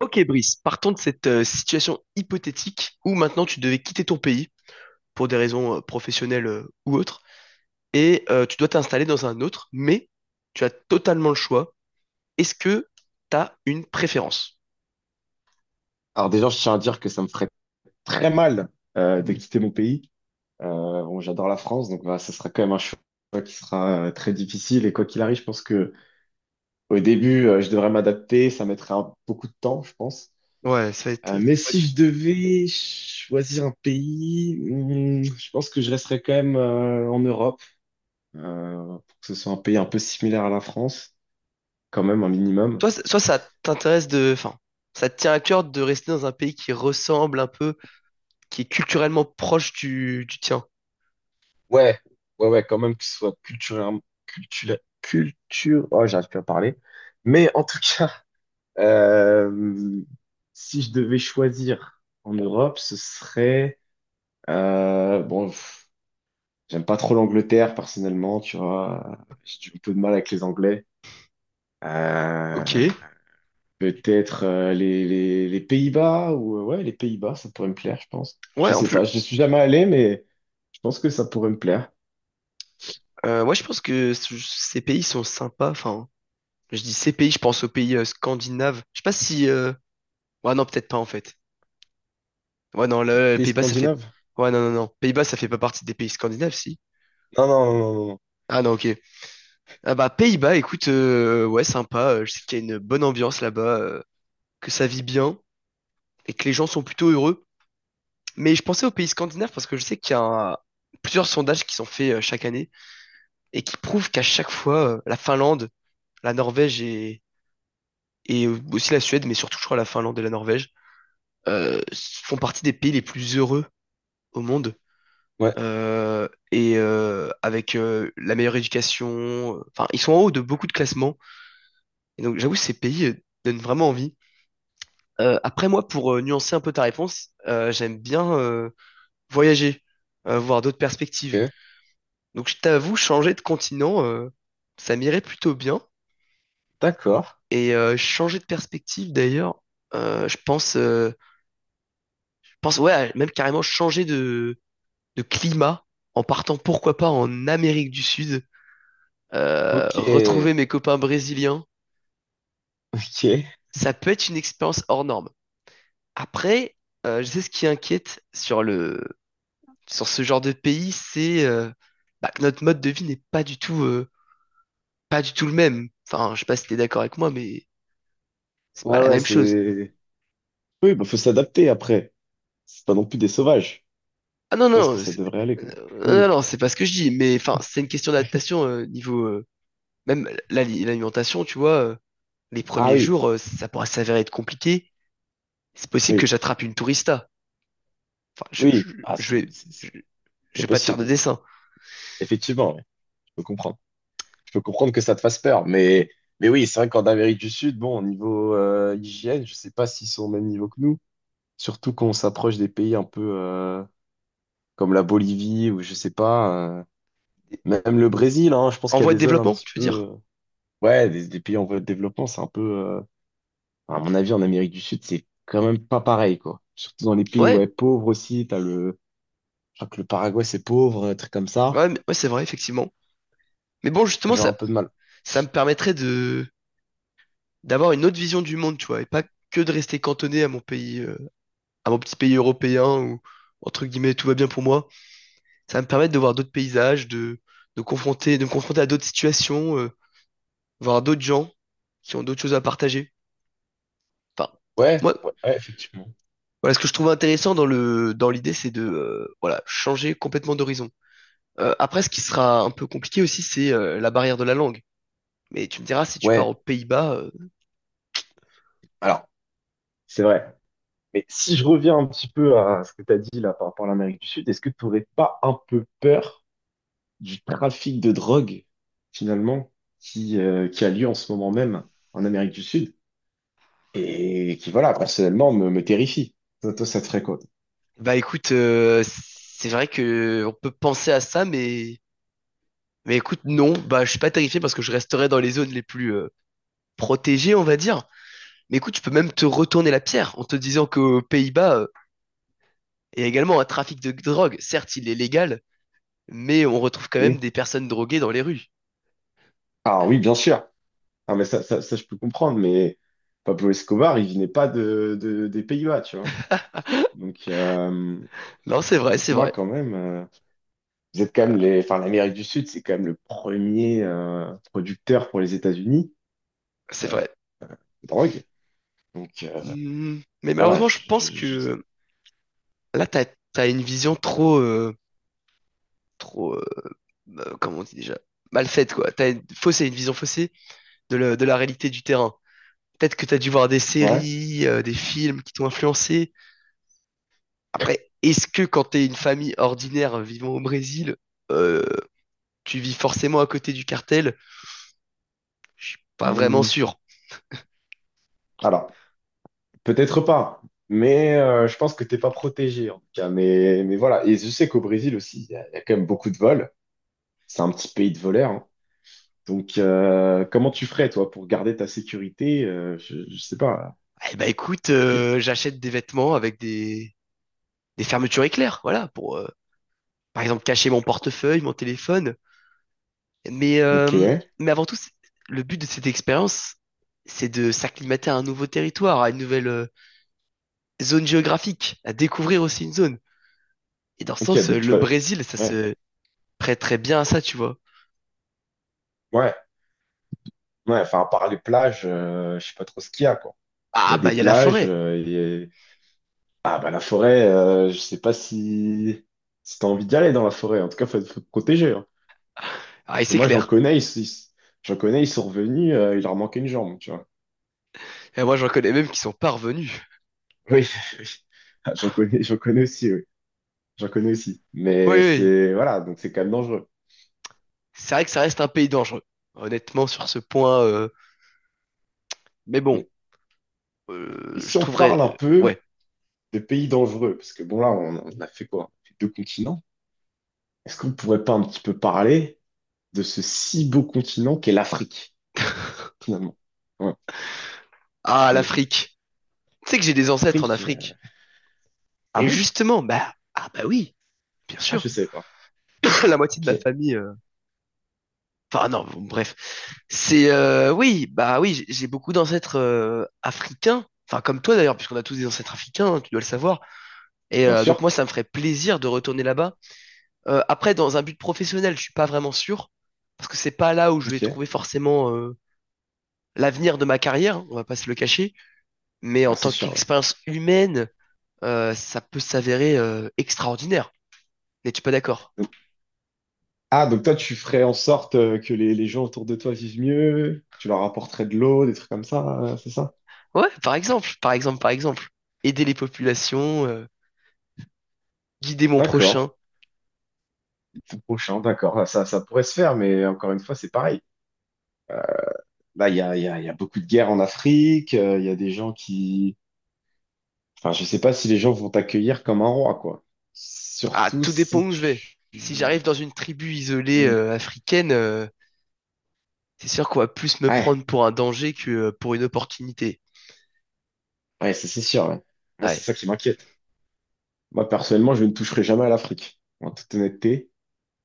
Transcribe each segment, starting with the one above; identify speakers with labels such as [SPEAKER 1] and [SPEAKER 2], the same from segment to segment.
[SPEAKER 1] Ok Brice, partons de cette situation hypothétique où maintenant tu devais quitter ton pays pour des raisons professionnelles ou autres et tu dois t'installer dans un autre, mais tu as totalement le choix. Est-ce que tu as une préférence?
[SPEAKER 2] Alors déjà, je tiens à dire que ça me ferait très mal de quitter mon pays. Euh, bon, j'adore la France, donc voilà, ça sera quand même un choix qui sera très difficile. Et quoi qu'il arrive, je pense que au début, je devrais m'adapter. Ça mettrait beaucoup de temps, je pense.
[SPEAKER 1] Ouais, ça va être...
[SPEAKER 2] Mais si je devais choisir un pays, hmm, je pense que je resterais quand même en Europe, pour que ce soit un pays un peu similaire à la France, quand même un minimum.
[SPEAKER 1] Soit ça t'intéresse de... Enfin, ça te tient à cœur de rester dans un pays qui ressemble un peu qui est culturellement proche du tien?
[SPEAKER 2] Ouais, ouais, ouais, quand même qu'il soit culturellement, culture, culture, oh, j'arrive plus à parler. Mais en tout cas, euh, si je devais choisir en Europe, ce serait, bon, pff, j'aime pas trop l'Angleterre personnellement, tu vois, un peu de mal avec les Anglais.
[SPEAKER 1] Ok.
[SPEAKER 2] Euh, Peut-être les Pays-Bas ou, ouais, les Pays-Bas, ça pourrait me plaire, je pense. Je
[SPEAKER 1] Ouais, en
[SPEAKER 2] sais pas,
[SPEAKER 1] plus,
[SPEAKER 2] je suis jamais allé, mais je pense que ça pourrait me plaire.
[SPEAKER 1] ouais, je pense que ces pays sont sympas. Enfin, je dis ces pays, je pense aux pays scandinaves. Je sais pas si. Ouais, non, peut-être pas en fait. Ouais, non, le
[SPEAKER 2] Pays
[SPEAKER 1] Pays-Bas, ça fait.
[SPEAKER 2] scandinave?
[SPEAKER 1] Ouais, non, non, non. Pays-Bas, ça fait pas partie des pays scandinaves, si.
[SPEAKER 2] Non, non, non, non, non, non.
[SPEAKER 1] Ah non, ok. Ah bah Pays-Bas, écoute, ouais, sympa. Je sais qu'il y a une bonne ambiance là-bas, que ça vit bien et que les gens sont plutôt heureux. Mais je pensais aux pays scandinaves parce que je sais qu'il y a plusieurs sondages qui sont faits chaque année et qui prouvent qu'à chaque fois, la Finlande, la Norvège et aussi la Suède, mais surtout je crois la Finlande et la Norvège, font partie des pays les plus heureux au monde.
[SPEAKER 2] Ouais.
[SPEAKER 1] Et avec la meilleure éducation, enfin ils sont en haut de beaucoup de classements. Et donc j'avoue ces pays donnent vraiment envie. Après moi, pour nuancer un peu ta réponse, j'aime bien voyager, voir d'autres perspectives.
[SPEAKER 2] Ok,
[SPEAKER 1] Donc je t'avoue, changer de continent, ça m'irait plutôt bien.
[SPEAKER 2] d'accord.
[SPEAKER 1] Et changer de perspective d'ailleurs, euh, je pense, euh, je pense ouais, même carrément changer de climat en partant pourquoi pas en Amérique du Sud,
[SPEAKER 2] Ok,
[SPEAKER 1] retrouver mes copains brésiliens,
[SPEAKER 2] ok.
[SPEAKER 1] ça peut être une expérience hors norme. Après, je sais ce qui inquiète sur le sur ce genre de pays, c'est bah, que notre mode de vie n'est pas du tout, pas du tout le même. Enfin, je sais pas si t'es d'accord avec moi, mais c'est pas
[SPEAKER 2] Ouais,
[SPEAKER 1] la
[SPEAKER 2] ouais,
[SPEAKER 1] même chose.
[SPEAKER 2] c'est. Oui, bah faut s'adapter après. C'est pas non plus des sauvages.
[SPEAKER 1] Ah non,
[SPEAKER 2] Je pense que
[SPEAKER 1] non,
[SPEAKER 2] ça devrait aller quand même. Oui,
[SPEAKER 1] non, non, c'est pas ce que je dis, mais enfin, c'est une question
[SPEAKER 2] oui.
[SPEAKER 1] d'adaptation niveau même l'alimentation, tu vois. Les
[SPEAKER 2] Ah
[SPEAKER 1] premiers
[SPEAKER 2] oui,
[SPEAKER 1] jours, ça pourra s'avérer être compliqué. C'est possible que
[SPEAKER 2] oui,
[SPEAKER 1] j'attrape une tourista. Enfin,
[SPEAKER 2] oui. Ah,
[SPEAKER 1] je vais, je, je
[SPEAKER 2] c'est
[SPEAKER 1] vais pas te faire de
[SPEAKER 2] possible, oui.
[SPEAKER 1] dessin.
[SPEAKER 2] Effectivement, oui. Je peux comprendre. Je peux comprendre que ça te fasse peur, mais oui, c'est vrai qu'en Amérique du Sud, bon, au niveau hygiène, je sais pas s'ils sont au même niveau que nous. Surtout quand on s'approche des pays un peu comme la Bolivie ou je sais pas, euh, même le Brésil. Hein, je pense
[SPEAKER 1] En
[SPEAKER 2] qu'il y a
[SPEAKER 1] voie de
[SPEAKER 2] des zones un
[SPEAKER 1] développement,
[SPEAKER 2] petit
[SPEAKER 1] tu veux
[SPEAKER 2] peu.
[SPEAKER 1] dire?
[SPEAKER 2] euh, Ouais, des pays en voie de développement, c'est un peu, enfin, à mon avis, en Amérique du Sud, c'est quand même pas pareil, quoi. Surtout dans les pays,
[SPEAKER 1] Ouais,
[SPEAKER 2] ouais, pauvres aussi, t'as le, je crois que le Paraguay, c'est pauvre, un truc comme ça.
[SPEAKER 1] ouais, ouais, c'est vrai, effectivement. Mais bon, justement,
[SPEAKER 2] J'ai un peu de mal.
[SPEAKER 1] ça me permettrait de d'avoir une autre vision du monde, tu vois, et pas que de rester cantonné à mon pays, à mon petit pays européen où, entre guillemets, tout va bien pour moi. Ça va me permettre de voir d'autres paysages, de confronter, de me confronter à d'autres situations, voir d'autres gens qui ont d'autres choses à partager. Enfin,
[SPEAKER 2] Ouais,
[SPEAKER 1] moi,
[SPEAKER 2] ouais, ouais, effectivement.
[SPEAKER 1] voilà, ce que je trouve intéressant dans le, dans l'idée, c'est de, voilà, changer complètement d'horizon. Après, ce qui sera un peu compliqué aussi, c'est la barrière de la langue. Mais tu me diras, si tu pars aux
[SPEAKER 2] Ouais,
[SPEAKER 1] Pays-Bas,
[SPEAKER 2] alors, c'est vrai. Mais si je reviens un petit peu à ce que t'as dit là par rapport à l'Amérique du Sud, est-ce que t'aurais pas un peu peur du trafic de drogue, finalement, qui a lieu en ce moment même en Amérique du Sud et qui, voilà, personnellement, me terrifie? Toi, toi, ça te ferait quoi?
[SPEAKER 1] bah écoute, c'est vrai que on peut penser à ça, mais écoute, non, bah, je suis pas terrifié parce que je resterai dans les zones les plus protégées, on va dire. Mais écoute, tu peux même te retourner la pierre en te disant qu'aux Pays-Bas, il y a également un trafic de drogue. Certes, il est légal, mais on retrouve quand même des personnes droguées dans les rues.
[SPEAKER 2] Ah oui, bien sûr. Ah, mais je peux comprendre, mais Pablo Escobar, il venait pas des Pays-Bas, tu vois. Donc, euh,
[SPEAKER 1] Non, c'est vrai,
[SPEAKER 2] donc
[SPEAKER 1] c'est
[SPEAKER 2] moi,
[SPEAKER 1] vrai,
[SPEAKER 2] quand même, vous êtes quand même les, enfin, l'Amérique du Sud, c'est quand même le premier producteur pour les États-Unis
[SPEAKER 1] c'est
[SPEAKER 2] euh,
[SPEAKER 1] vrai.
[SPEAKER 2] de drogue. Donc,
[SPEAKER 1] Hmm, mais
[SPEAKER 2] voilà.
[SPEAKER 1] malheureusement, je pense que là, t'as, t'as une vision trop, trop, comment on dit déjà, mal faite, quoi. T'as une faussée, une vision faussée de la réalité du terrain. Peut-être que t'as dû voir des
[SPEAKER 2] Ouais.
[SPEAKER 1] séries, des films qui t'ont influencé. Après, est-ce que quand t'es une famille ordinaire vivant au Brésil, euh, tu vis forcément à côté du cartel? Je suis pas vraiment
[SPEAKER 2] Hmm.
[SPEAKER 1] sûr.
[SPEAKER 2] Alors, peut-être pas, mais je pense que t'es pas protégé, en tout cas. Mais voilà. Et je sais qu'au Brésil aussi, il y a quand même beaucoup de vols. C'est un petit pays de voleurs, hein. Donc, comment tu ferais, toi, pour garder ta sécurité? Je sais pas.
[SPEAKER 1] Eh ben écoute,
[SPEAKER 2] Appliquer.
[SPEAKER 1] j'achète des vêtements avec des fermetures éclairs, voilà, pour par exemple cacher mon portefeuille, mon téléphone. Mais,
[SPEAKER 2] Ok.
[SPEAKER 1] euh, mais avant tout, le but de cette expérience, c'est de s'acclimater à un nouveau territoire, à une nouvelle zone géographique, à découvrir aussi une zone. Et dans ce
[SPEAKER 2] Ok,
[SPEAKER 1] sens,
[SPEAKER 2] donc tu
[SPEAKER 1] le
[SPEAKER 2] vas.
[SPEAKER 1] Brésil, ça
[SPEAKER 2] Ouais,
[SPEAKER 1] se prête très bien à ça, tu vois.
[SPEAKER 2] ouais, ouais. Enfin, à part les plages, je sais pas trop ce qu'il y a, quoi. Il y
[SPEAKER 1] Ah
[SPEAKER 2] a
[SPEAKER 1] bah
[SPEAKER 2] des
[SPEAKER 1] il y a la
[SPEAKER 2] plages,
[SPEAKER 1] forêt.
[SPEAKER 2] ah, bah, la forêt, je sais pas si, si t'as envie d'y aller dans la forêt. En tout cas, faut te protéger, hein.
[SPEAKER 1] Ah et
[SPEAKER 2] Parce que
[SPEAKER 1] c'est
[SPEAKER 2] moi,
[SPEAKER 1] clair.
[SPEAKER 2] j'en connais, ils sont revenus, il leur manquait une jambe, tu vois.
[SPEAKER 1] Et moi, j'en connais même qui sont pas revenus.
[SPEAKER 2] Oui, oui. Ah, j'en connais aussi, oui. J'en connais aussi.
[SPEAKER 1] Oui,
[SPEAKER 2] Mais
[SPEAKER 1] oui.
[SPEAKER 2] c'est, voilà, donc c'est quand même dangereux.
[SPEAKER 1] C'est vrai que ça reste un pays dangereux. Honnêtement, sur ce point, mais bon,
[SPEAKER 2] Et si
[SPEAKER 1] je
[SPEAKER 2] on
[SPEAKER 1] trouverais,
[SPEAKER 2] parle un peu
[SPEAKER 1] ouais.
[SPEAKER 2] de pays dangereux, parce que bon là, on a fait quoi? On a fait deux continents. Est-ce qu'on pourrait pas un petit peu parler de ce si beau continent qu'est l'Afrique, finalement? Ouais. Parce
[SPEAKER 1] Ah,
[SPEAKER 2] que
[SPEAKER 1] l'Afrique. Tu sais que j'ai des ancêtres en
[SPEAKER 2] l'Afrique... euh,
[SPEAKER 1] Afrique.
[SPEAKER 2] ah
[SPEAKER 1] Et
[SPEAKER 2] bon?
[SPEAKER 1] justement, bah, ah bah oui, bien
[SPEAKER 2] Ah, je
[SPEAKER 1] sûr.
[SPEAKER 2] savais pas.
[SPEAKER 1] La moitié de ma
[SPEAKER 2] Ok.
[SPEAKER 1] famille, enfin non, bon, bref. C'est,
[SPEAKER 2] Ok.
[SPEAKER 1] oui, bah oui, j'ai beaucoup d'ancêtres africains. Enfin, comme toi d'ailleurs, puisqu'on a tous des ancêtres africains, hein, tu dois le savoir. Et
[SPEAKER 2] Bien
[SPEAKER 1] donc
[SPEAKER 2] sûr.
[SPEAKER 1] moi, ça me ferait plaisir de retourner là-bas. Après, dans un but professionnel, je suis pas vraiment sûr, parce que c'est pas là où je vais
[SPEAKER 2] Ok.
[SPEAKER 1] trouver forcément l'avenir de ma carrière, hein, on va pas se le cacher. Mais
[SPEAKER 2] Ah,
[SPEAKER 1] en
[SPEAKER 2] c'est
[SPEAKER 1] tant
[SPEAKER 2] sûr, ouais.
[SPEAKER 1] qu'expérience humaine, ça peut s'avérer extraordinaire. N'es-tu pas d'accord?
[SPEAKER 2] Donc- ah, donc toi, tu ferais en sorte que les gens autour de toi vivent mieux, tu leur apporterais de l'eau, des trucs comme ça, c'est ça?
[SPEAKER 1] Ouais, par exemple, par exemple, par exemple. Aider les populations, guider mon
[SPEAKER 2] D'accord.
[SPEAKER 1] prochain.
[SPEAKER 2] C'est prochain, d'accord. Ah, ça pourrait se faire, mais encore une fois, c'est pareil. Bah, il y a beaucoup de guerres en Afrique, il y a des gens qui... Enfin, je sais pas si les gens vont t'accueillir comme un roi, quoi.
[SPEAKER 1] Ah,
[SPEAKER 2] Surtout
[SPEAKER 1] tout dépend
[SPEAKER 2] si
[SPEAKER 1] où je vais. Si j'arrive dans une tribu isolée
[SPEAKER 2] ouais,
[SPEAKER 1] africaine, c'est sûr qu'on va plus me
[SPEAKER 2] ouais,
[SPEAKER 1] prendre pour un danger que pour une opportunité.
[SPEAKER 2] ouais, ça c'est sûr, ouais. Moi, c'est
[SPEAKER 1] Ouais,
[SPEAKER 2] ça qui m'inquiète. Moi, personnellement, je ne toucherai jamais à l'Afrique, en toute honnêteté.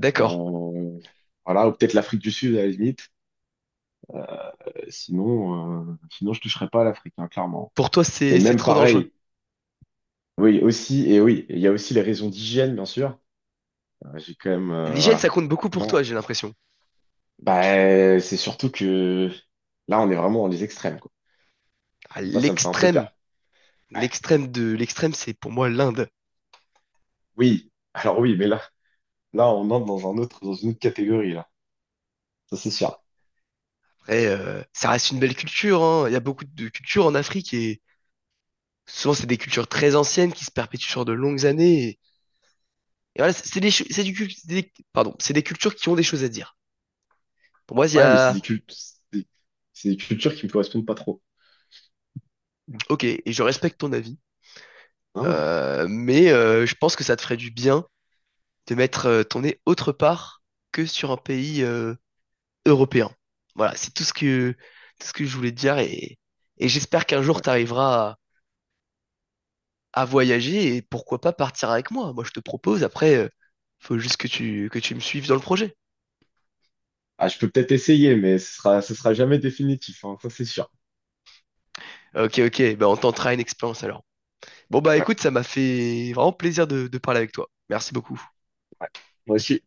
[SPEAKER 1] d'accord.
[SPEAKER 2] Euh, voilà, ou peut-être l'Afrique du Sud, à la limite. Euh, sinon, je toucherai pas à l'Afrique, hein, clairement.
[SPEAKER 1] Pour toi,
[SPEAKER 2] Et
[SPEAKER 1] c'est
[SPEAKER 2] même
[SPEAKER 1] trop dangereux.
[SPEAKER 2] pareil, oui, aussi, et oui, il y a aussi les raisons d'hygiène, bien sûr. J'ai quand même,
[SPEAKER 1] L'hygiène, ça
[SPEAKER 2] voilà.
[SPEAKER 1] compte beaucoup pour toi, j'ai l'impression.
[SPEAKER 2] Bah, c'est surtout que là, on est vraiment dans les extrêmes, quoi.
[SPEAKER 1] À
[SPEAKER 2] Moi, ça me fait un peu
[SPEAKER 1] l'extrême,
[SPEAKER 2] peur. Ouais.
[SPEAKER 1] l'extrême de l'extrême, c'est pour moi l'Inde.
[SPEAKER 2] Oui, alors oui, mais là, là, on entre dans un autre, dans une autre catégorie, là. Ça, c'est sûr.
[SPEAKER 1] Après, ça reste une belle culture, hein. Il y a beaucoup de cultures en Afrique et souvent c'est des cultures très anciennes qui se perpétuent sur de longues années. Et voilà, c'est des, pardon, c'est des cultures qui ont des choses à dire. Pour moi, il y
[SPEAKER 2] Ouais, mais c'est
[SPEAKER 1] a,
[SPEAKER 2] des cultes, c'est des cultures qui me correspondent pas trop. Non,
[SPEAKER 1] ok, et je respecte ton avis,
[SPEAKER 2] non, mais
[SPEAKER 1] mais je pense que ça te ferait du bien de mettre ton nez autre part que sur un pays européen. Voilà, c'est tout ce que je voulais te dire et j'espère qu'un jour
[SPEAKER 2] ouais.
[SPEAKER 1] tu arriveras à voyager et pourquoi pas partir avec moi. Moi, je te propose, après, faut juste que tu me suives dans le projet.
[SPEAKER 2] Ah, je peux peut-être essayer, mais ce sera jamais définitif, hein, ça, c'est sûr.
[SPEAKER 1] Ok, ok, bah on tentera une expérience alors. Bon, bah
[SPEAKER 2] Ouais,
[SPEAKER 1] écoute, ça m'a fait vraiment plaisir de parler avec toi. Merci beaucoup.
[SPEAKER 2] ouais. Moi aussi,